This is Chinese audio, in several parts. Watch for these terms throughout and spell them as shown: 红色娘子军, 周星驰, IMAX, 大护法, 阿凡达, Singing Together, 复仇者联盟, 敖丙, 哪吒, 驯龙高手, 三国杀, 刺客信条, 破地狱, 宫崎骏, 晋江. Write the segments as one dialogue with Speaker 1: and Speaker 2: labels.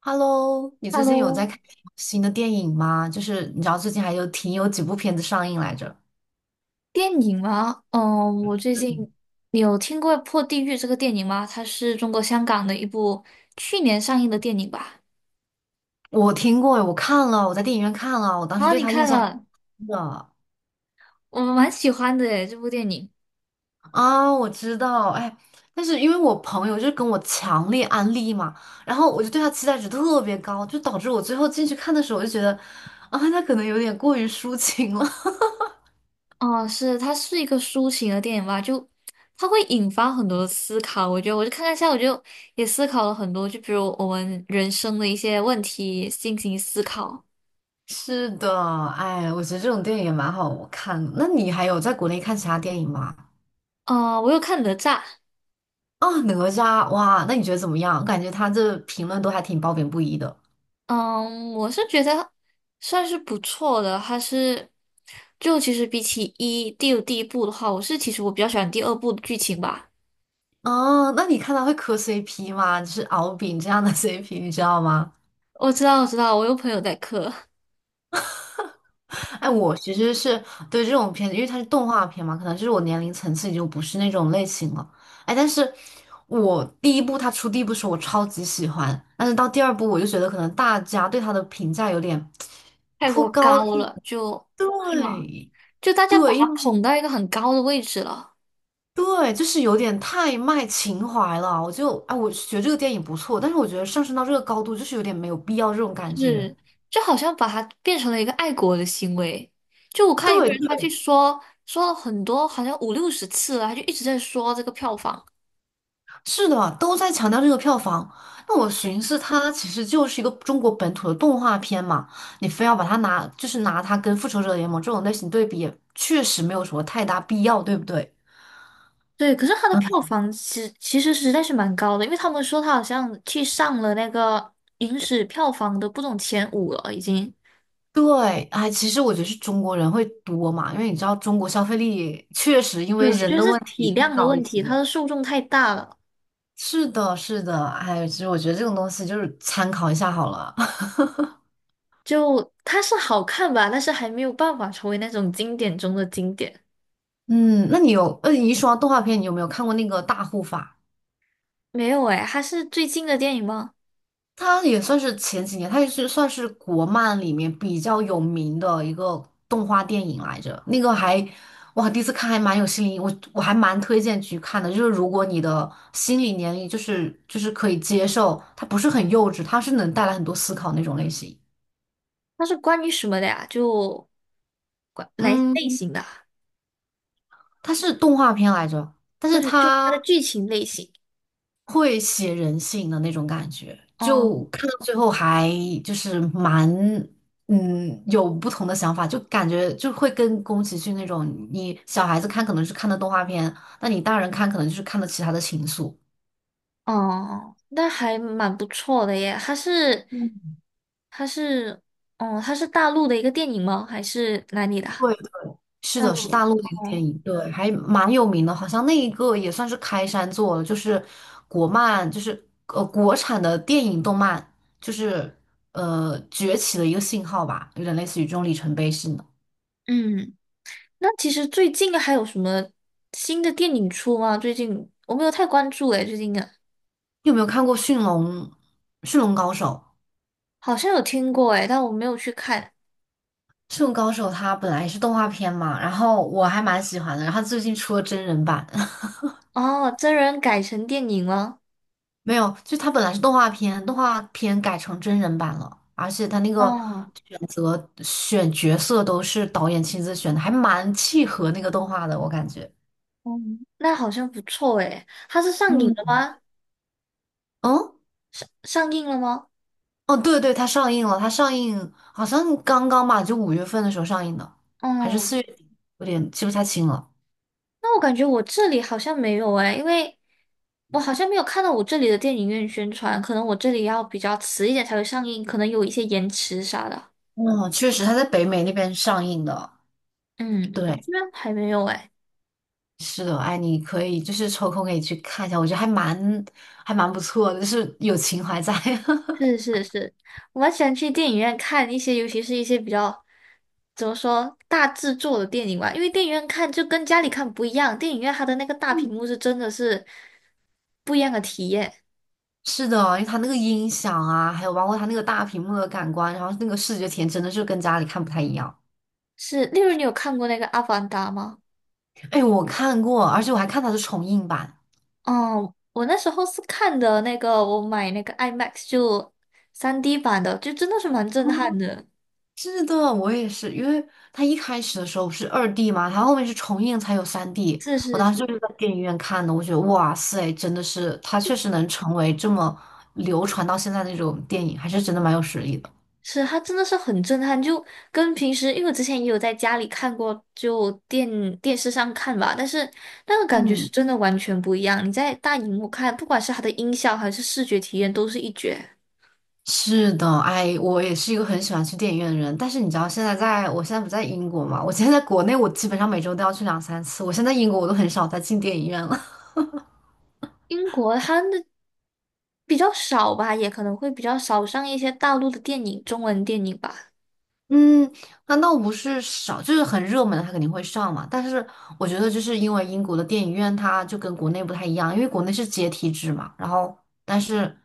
Speaker 1: Hello，你最近有在
Speaker 2: Hello，
Speaker 1: 看新的电影吗？就是你知道最近还有挺有几部片子上映来着。
Speaker 2: 电影吗？嗯，我最近你有听过《破地狱》这个电影吗？它是中国香港的一部去年上映的电影吧？
Speaker 1: 我听过，我看了，我在电影院看了，我当时
Speaker 2: 啊，
Speaker 1: 对
Speaker 2: 你
Speaker 1: 他印
Speaker 2: 看
Speaker 1: 象
Speaker 2: 了，
Speaker 1: 真的。
Speaker 2: 我蛮喜欢的诶，这部电影。
Speaker 1: 啊，我知道，哎，但是因为我朋友就是跟我强烈安利嘛，然后我就对他期待值特别高，就导致我最后进去看的时候，我就觉得啊，他可能有点过于抒情了。
Speaker 2: 哦，是，它是一个抒情的电影吧？就它会引发很多的思考。我觉得，我就看了一下，我就也思考了很多，就比如我们人生的一些问题进行思考。
Speaker 1: 是的，哎，我觉得这种电影也蛮好看的。那你还有在国内看其他电影吗？
Speaker 2: 啊，我有看哪吒，
Speaker 1: 啊，哪吒，哇，那你觉得怎么样？我感觉他这评论都还挺褒贬不一的。
Speaker 2: 嗯，我是觉得算是不错的，还是就其实比起一第有第一部的话，我是其实我比较喜欢第二部的剧情吧。
Speaker 1: 哦，那你看他会磕 CP 吗？就是敖丙这样的 CP，你知道吗？
Speaker 2: 我知道，我有朋友在磕，
Speaker 1: 哎，我其实是对这种片子，因为它是动画片嘛，可能就是我年龄层次已经不是那种类型了。哎，但是我第一部它出第一部时候我超级喜欢，但是到第二部我就觉得可能大家对它的评价有点
Speaker 2: 太
Speaker 1: 颇
Speaker 2: 过
Speaker 1: 高。
Speaker 2: 高了，就
Speaker 1: 对
Speaker 2: 大家把
Speaker 1: 对，
Speaker 2: 它
Speaker 1: 因为。
Speaker 2: 捧到一个很高的位置了，
Speaker 1: 对，就是有点太卖情怀了。我就啊，我觉得这个电影不错，但是我觉得上升到这个高度，就是有点没有必要这种感觉。
Speaker 2: 是就好像把它变成了一个爱国的行为。就我看一个
Speaker 1: 对
Speaker 2: 人他去
Speaker 1: 对，
Speaker 2: 说了很多，好像五六十次了，他就一直在说这个票房。
Speaker 1: 是的，都在强调这个票房。那我寻思，它其实就是一个中国本土的动画片嘛，你非要把它拿，就是拿它跟《复仇者联盟》这种类型对比，也确实没有什么太大必要，对不对？
Speaker 2: 对，可是它的票
Speaker 1: 嗯，
Speaker 2: 房其实在是蛮高的，因为他们说它好像去上了那个影史票房的不总前五了，已经。
Speaker 1: 对，哎，其实我觉得是中国人会多嘛，因为你知道中国消费力确实因为
Speaker 2: 对，
Speaker 1: 人
Speaker 2: 就
Speaker 1: 的
Speaker 2: 是
Speaker 1: 问题
Speaker 2: 体
Speaker 1: 去
Speaker 2: 量的
Speaker 1: 高
Speaker 2: 问
Speaker 1: 一些。
Speaker 2: 题，它的受众太大了。
Speaker 1: 是的，是的，哎，其实我觉得这种东西就是参考一下好了。
Speaker 2: 就它是好看吧，但是还没有办法成为那种经典中的经典。
Speaker 1: 嗯，那你有，你说到动画片，你有没有看过那个《大护法》？
Speaker 2: 没有诶，它是最近的电影吗？
Speaker 1: 它也算是前几年，它也是算是国漫里面比较有名的一个动画电影来着。那个还，哇，第一次看还蛮有心理，我还蛮推荐去看的。就是如果你的心理年龄就是可以接受，它不是很幼稚，它是能带来很多思考那种类型。
Speaker 2: 它是关于什么的呀？就关哪一类
Speaker 1: 嗯，
Speaker 2: 型的啊？
Speaker 1: 它是动画片来着，但
Speaker 2: 就
Speaker 1: 是
Speaker 2: 它的
Speaker 1: 它。
Speaker 2: 剧情类型。
Speaker 1: 会写人性的那种感觉，
Speaker 2: 哦
Speaker 1: 就看到最后还就是蛮嗯有不同的想法，就感觉就会跟宫崎骏那种，你小孩子看可能是看的动画片，那你大人看可能就是看的其他的情愫。
Speaker 2: 哦，那还蛮不错的耶。它是，
Speaker 1: 嗯，
Speaker 2: 它是，哦，它是大陆的一个电影吗？还是哪里的啊
Speaker 1: 对，是
Speaker 2: 大
Speaker 1: 的，是
Speaker 2: 陆
Speaker 1: 大
Speaker 2: 的。
Speaker 1: 陆的一个电
Speaker 2: 哦，
Speaker 1: 影，对，还蛮有名的，好像那一个也算是开山作了，就是国漫，就是国产的电影动漫，就是崛起的一个信号吧，有点类似于这种里程碑式。
Speaker 2: 嗯，那其实最近还有什么新的电影出吗？最近我没有太关注诶，最近的
Speaker 1: 你有没有看过驯龙高手》？
Speaker 2: 好像有听过诶，但我没有去看。
Speaker 1: 《驯龙高手》它本来是动画片嘛，然后我还蛮喜欢的，然后最近出了真人版。
Speaker 2: 哦，真人改成电影了。
Speaker 1: 没有，就它本来是动画片，动画片改成真人版了，而且它那个
Speaker 2: 哦，
Speaker 1: 选角色都是导演亲自选的，还蛮契合那个动画的，我感觉。
Speaker 2: 嗯，那好像不错诶。它是上映了
Speaker 1: 嗯，
Speaker 2: 吗？
Speaker 1: 嗯，
Speaker 2: 上映了吗？
Speaker 1: 哦，对对，它上映了，它上映好像刚刚吧，就五月份的时候上映的，还是
Speaker 2: 哦，
Speaker 1: 四月底，有点记不太清了。
Speaker 2: 那我感觉我这里好像没有诶，因为。我好像没有看到我这里的电影院宣传，可能我这里要比较迟一点才会上映，可能有一些延迟啥的。
Speaker 1: 嗯，确实，它在北美那边上映的。
Speaker 2: 嗯，我
Speaker 1: 对，
Speaker 2: 这边还没有哎。
Speaker 1: 是的，哎，你可以就是抽空可以去看一下，我觉得还蛮不错的，就是有情怀在。
Speaker 2: 是 是是，我蛮喜欢去电影院看一些，尤其是一些比较怎么说大制作的电影吧，因为电影院看就跟家里看不一样，电影院它的那个大屏幕是真的是不一样的体验。
Speaker 1: 是的，因为它那个音响啊，还有包括它那个大屏幕的感官，然后那个视觉体验真的是跟家里看不太一样。
Speaker 2: 是，例如你有看过那个《阿凡达》吗？
Speaker 1: 哎，我看过，而且我还看它的重映版。
Speaker 2: 哦，我那时候是看的那个，我买那个 IMAX 就 3D 版的，就真的是蛮震撼的。
Speaker 1: 是的，我也是，因为它一开始的时候是二 D 嘛，它后面是重映才有三 D。
Speaker 2: 是
Speaker 1: 我
Speaker 2: 是
Speaker 1: 当时就
Speaker 2: 是
Speaker 1: 是在电影院看的，我觉得哇塞，真的是它确实能成为这么流传到现在那种电影，还是真的蛮有实力的。
Speaker 2: 是，它真的是很震撼，就跟平时，因为我之前也有在家里看过，就电视上看吧，但是那个感觉是
Speaker 1: 嗯，
Speaker 2: 真的完全不一样。你在大荧幕看，不管是它的音效还是视觉体验，都是一绝。
Speaker 1: 是的，哎，我也是一个很喜欢去电影院的人。但是你知道，现在在我现在不在英国嘛？我现在在国内，我基本上每周都要去两三次。我现在英国，我都很少再进电影院了。
Speaker 2: 英国它的比较少吧，也可能会比较少上一些大陆的电影，中文电影吧。
Speaker 1: 嗯，难道不是少？就是很热门的，它肯定会上嘛。但是我觉得，就是因为英国的电影院它就跟国内不太一样，因为国内是阶梯制嘛。然后，但是，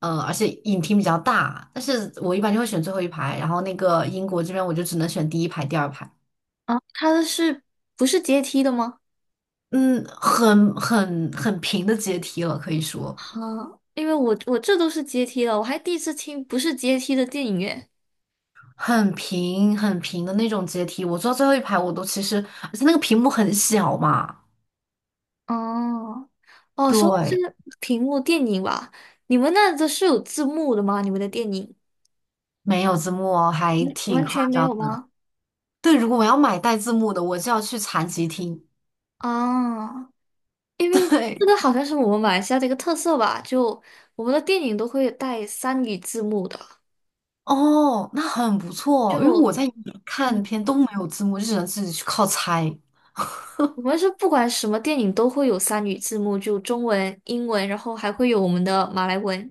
Speaker 1: 而且影厅比较大，但是我一般就会选最后一排。然后那个英国这边，我就只能选第一排、第二排。
Speaker 2: 啊，它的是不是阶梯的吗？
Speaker 1: 嗯，很平的阶梯了，可以说
Speaker 2: 啊，因为我这都是阶梯了，我还第一次听不是阶梯的电影院。
Speaker 1: 很平很平的那种阶梯。我坐最后一排，我都其实，而且那个屏幕很小嘛，
Speaker 2: 哦。哦，说到这
Speaker 1: 对，
Speaker 2: 个屏幕电影吧，你们那都是有字幕的吗？你们的电影
Speaker 1: 没有字幕哦，还挺
Speaker 2: 完
Speaker 1: 夸
Speaker 2: 全没
Speaker 1: 张
Speaker 2: 有
Speaker 1: 的。
Speaker 2: 吗？
Speaker 1: 对，如果我要买带字幕的，我就要去残疾厅。
Speaker 2: 啊，因为
Speaker 1: 对，
Speaker 2: 这个好像是我们马来西亚的一个特色吧，就我们的电影都会带三语字幕的，
Speaker 1: 哦，那很不错，因为
Speaker 2: 就
Speaker 1: 我在英语看
Speaker 2: 嗯，
Speaker 1: 片都没有字幕，就只能自己去靠猜
Speaker 2: 我们是不管什么电影都会有三语字幕，就中文、英文，然后还会有我们的马来文，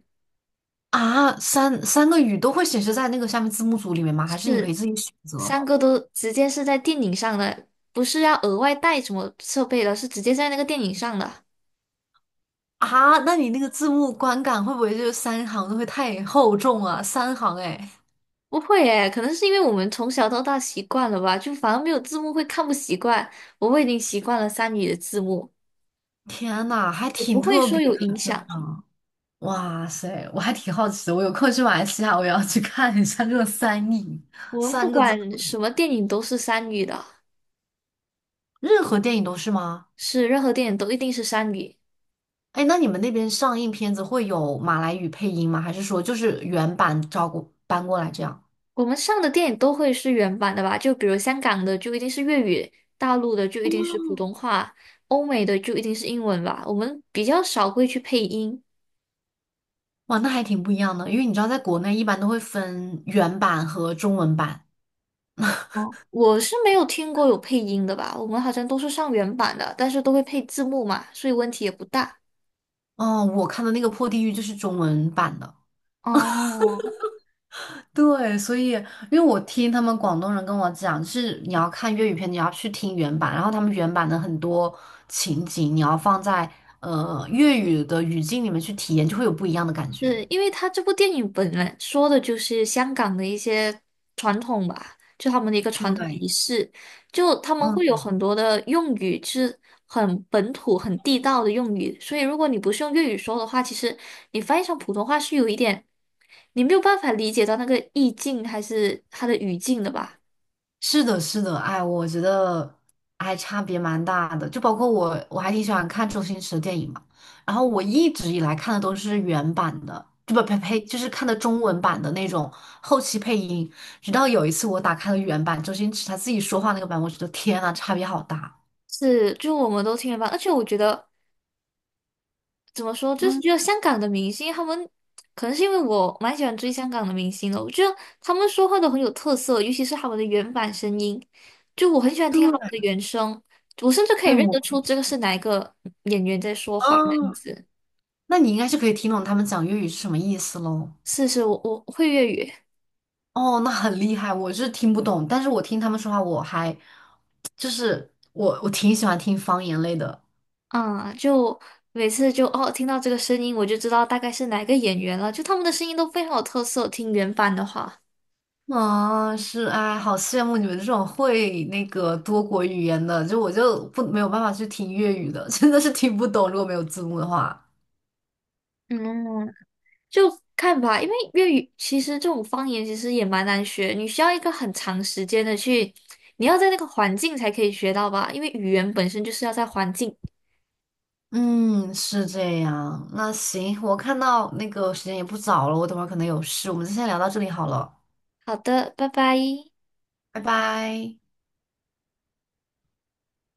Speaker 1: 啊。三个语都会显示在那个下面字幕组里面吗？还是你可以
Speaker 2: 是
Speaker 1: 自己选择？
Speaker 2: 三个都直接是在电影上的，不是要额外带什么设备的，是直接在那个电影上的。
Speaker 1: 啊，那你那个字幕观感会不会就是三行都会太厚重啊？三行哎，
Speaker 2: 不会诶，可能是因为我们从小到大习惯了吧，就反而没有字幕会看不习惯。我们已经习惯了三语的字幕，
Speaker 1: 天呐，还
Speaker 2: 也不
Speaker 1: 挺
Speaker 2: 会
Speaker 1: 特
Speaker 2: 说
Speaker 1: 别
Speaker 2: 有
Speaker 1: 的
Speaker 2: 影响。
Speaker 1: 呢。哇塞，我还挺好奇的，我有空去马来西亚，我也要去看一下这个三译，
Speaker 2: 我们不
Speaker 1: 三个字，
Speaker 2: 管什么电影都是三语的，
Speaker 1: 任何电影都是吗？
Speaker 2: 是任何电影都一定是三语。
Speaker 1: 哎，那你们那边上映片子会有马来语配音吗？还是说就是原版照过搬过来这样？
Speaker 2: 我们上的电影都会是原版的吧？就比如香港的就一定是粤语，大陆的就一定是普通话，欧美的就一定是英文吧。我们比较少会去配音。
Speaker 1: 哇，那还挺不一样的，因为你知道在国内一般都会分原版和中文版。
Speaker 2: 哦，我是没有听过有配音的吧？我们好像都是上原版的，但是都会配字幕嘛，所以问题也不大。
Speaker 1: 哦，我看的那个《破地狱》就是中文版的。
Speaker 2: 哦，
Speaker 1: 对，所以因为我听他们广东人跟我讲，就是你要看粤语片，你要去听原版，然后他们原版的很多情景，你要放在粤语的语境里面去体验，就会有不一样的感觉。
Speaker 2: 是因为他这部电影本来说的就是香港的一些传统吧，就他们的一个传统
Speaker 1: 对，
Speaker 2: 仪式，就他们会有
Speaker 1: 嗯。
Speaker 2: 很多的用语是很本土、很地道的用语，所以如果你不是用粤语说的话，其实你翻译成普通话是有一点，你没有办法理解到那个意境还是它的语境的吧。
Speaker 1: 是的，是的，哎，我觉得还差别蛮大的。就包括我，我还挺喜欢看周星驰的电影嘛。然后我一直以来看的都是原版的，就不呸呸，就是看的中文版的那种后期配音。直到有一次我打开了原版，周星驰他自己说话那个版，我觉得天呐，差别好大。
Speaker 2: 是，就我们都听了吧，而且我觉得怎么说，就是
Speaker 1: 嗯，
Speaker 2: 觉得香港的明星，他们可能是因为我蛮喜欢追香港的明星的，我觉得他们说话都很有特色，尤其是他们的原版声音，就我很喜欢听他
Speaker 1: 对，
Speaker 2: 们的原声，我甚至可以
Speaker 1: 哎
Speaker 2: 认
Speaker 1: 我，
Speaker 2: 得出这个是哪一个演员在说话的样
Speaker 1: 嗯，
Speaker 2: 子。
Speaker 1: 那你应该是可以听懂他们讲粤语是什么意思喽。
Speaker 2: 是是，我会粤语
Speaker 1: 哦，那很厉害，我是听不懂，但是我听他们说话，我还就是我挺喜欢听方言类的。
Speaker 2: 啊，就每次就哦听到这个声音，我就知道大概是哪一个演员了，就他们的声音都非常有特色，听原版的话。
Speaker 1: 啊，是哎，好羡慕你们这种会那个多国语言的，就我就不没有办法去听粤语的，真的是听不懂，如果没有字幕的话。
Speaker 2: 嗯，就看吧，因为粤语其实这种方言其实也蛮难学，你需要一个很长时间的去，你要在那个环境才可以学到吧，因为语言本身就是要在环境。
Speaker 1: 嗯，是这样。那行，我看到那个时间也不早了，我等会儿可能有事，我们就先聊到这里好了，
Speaker 2: 好的，拜拜。
Speaker 1: 拜拜。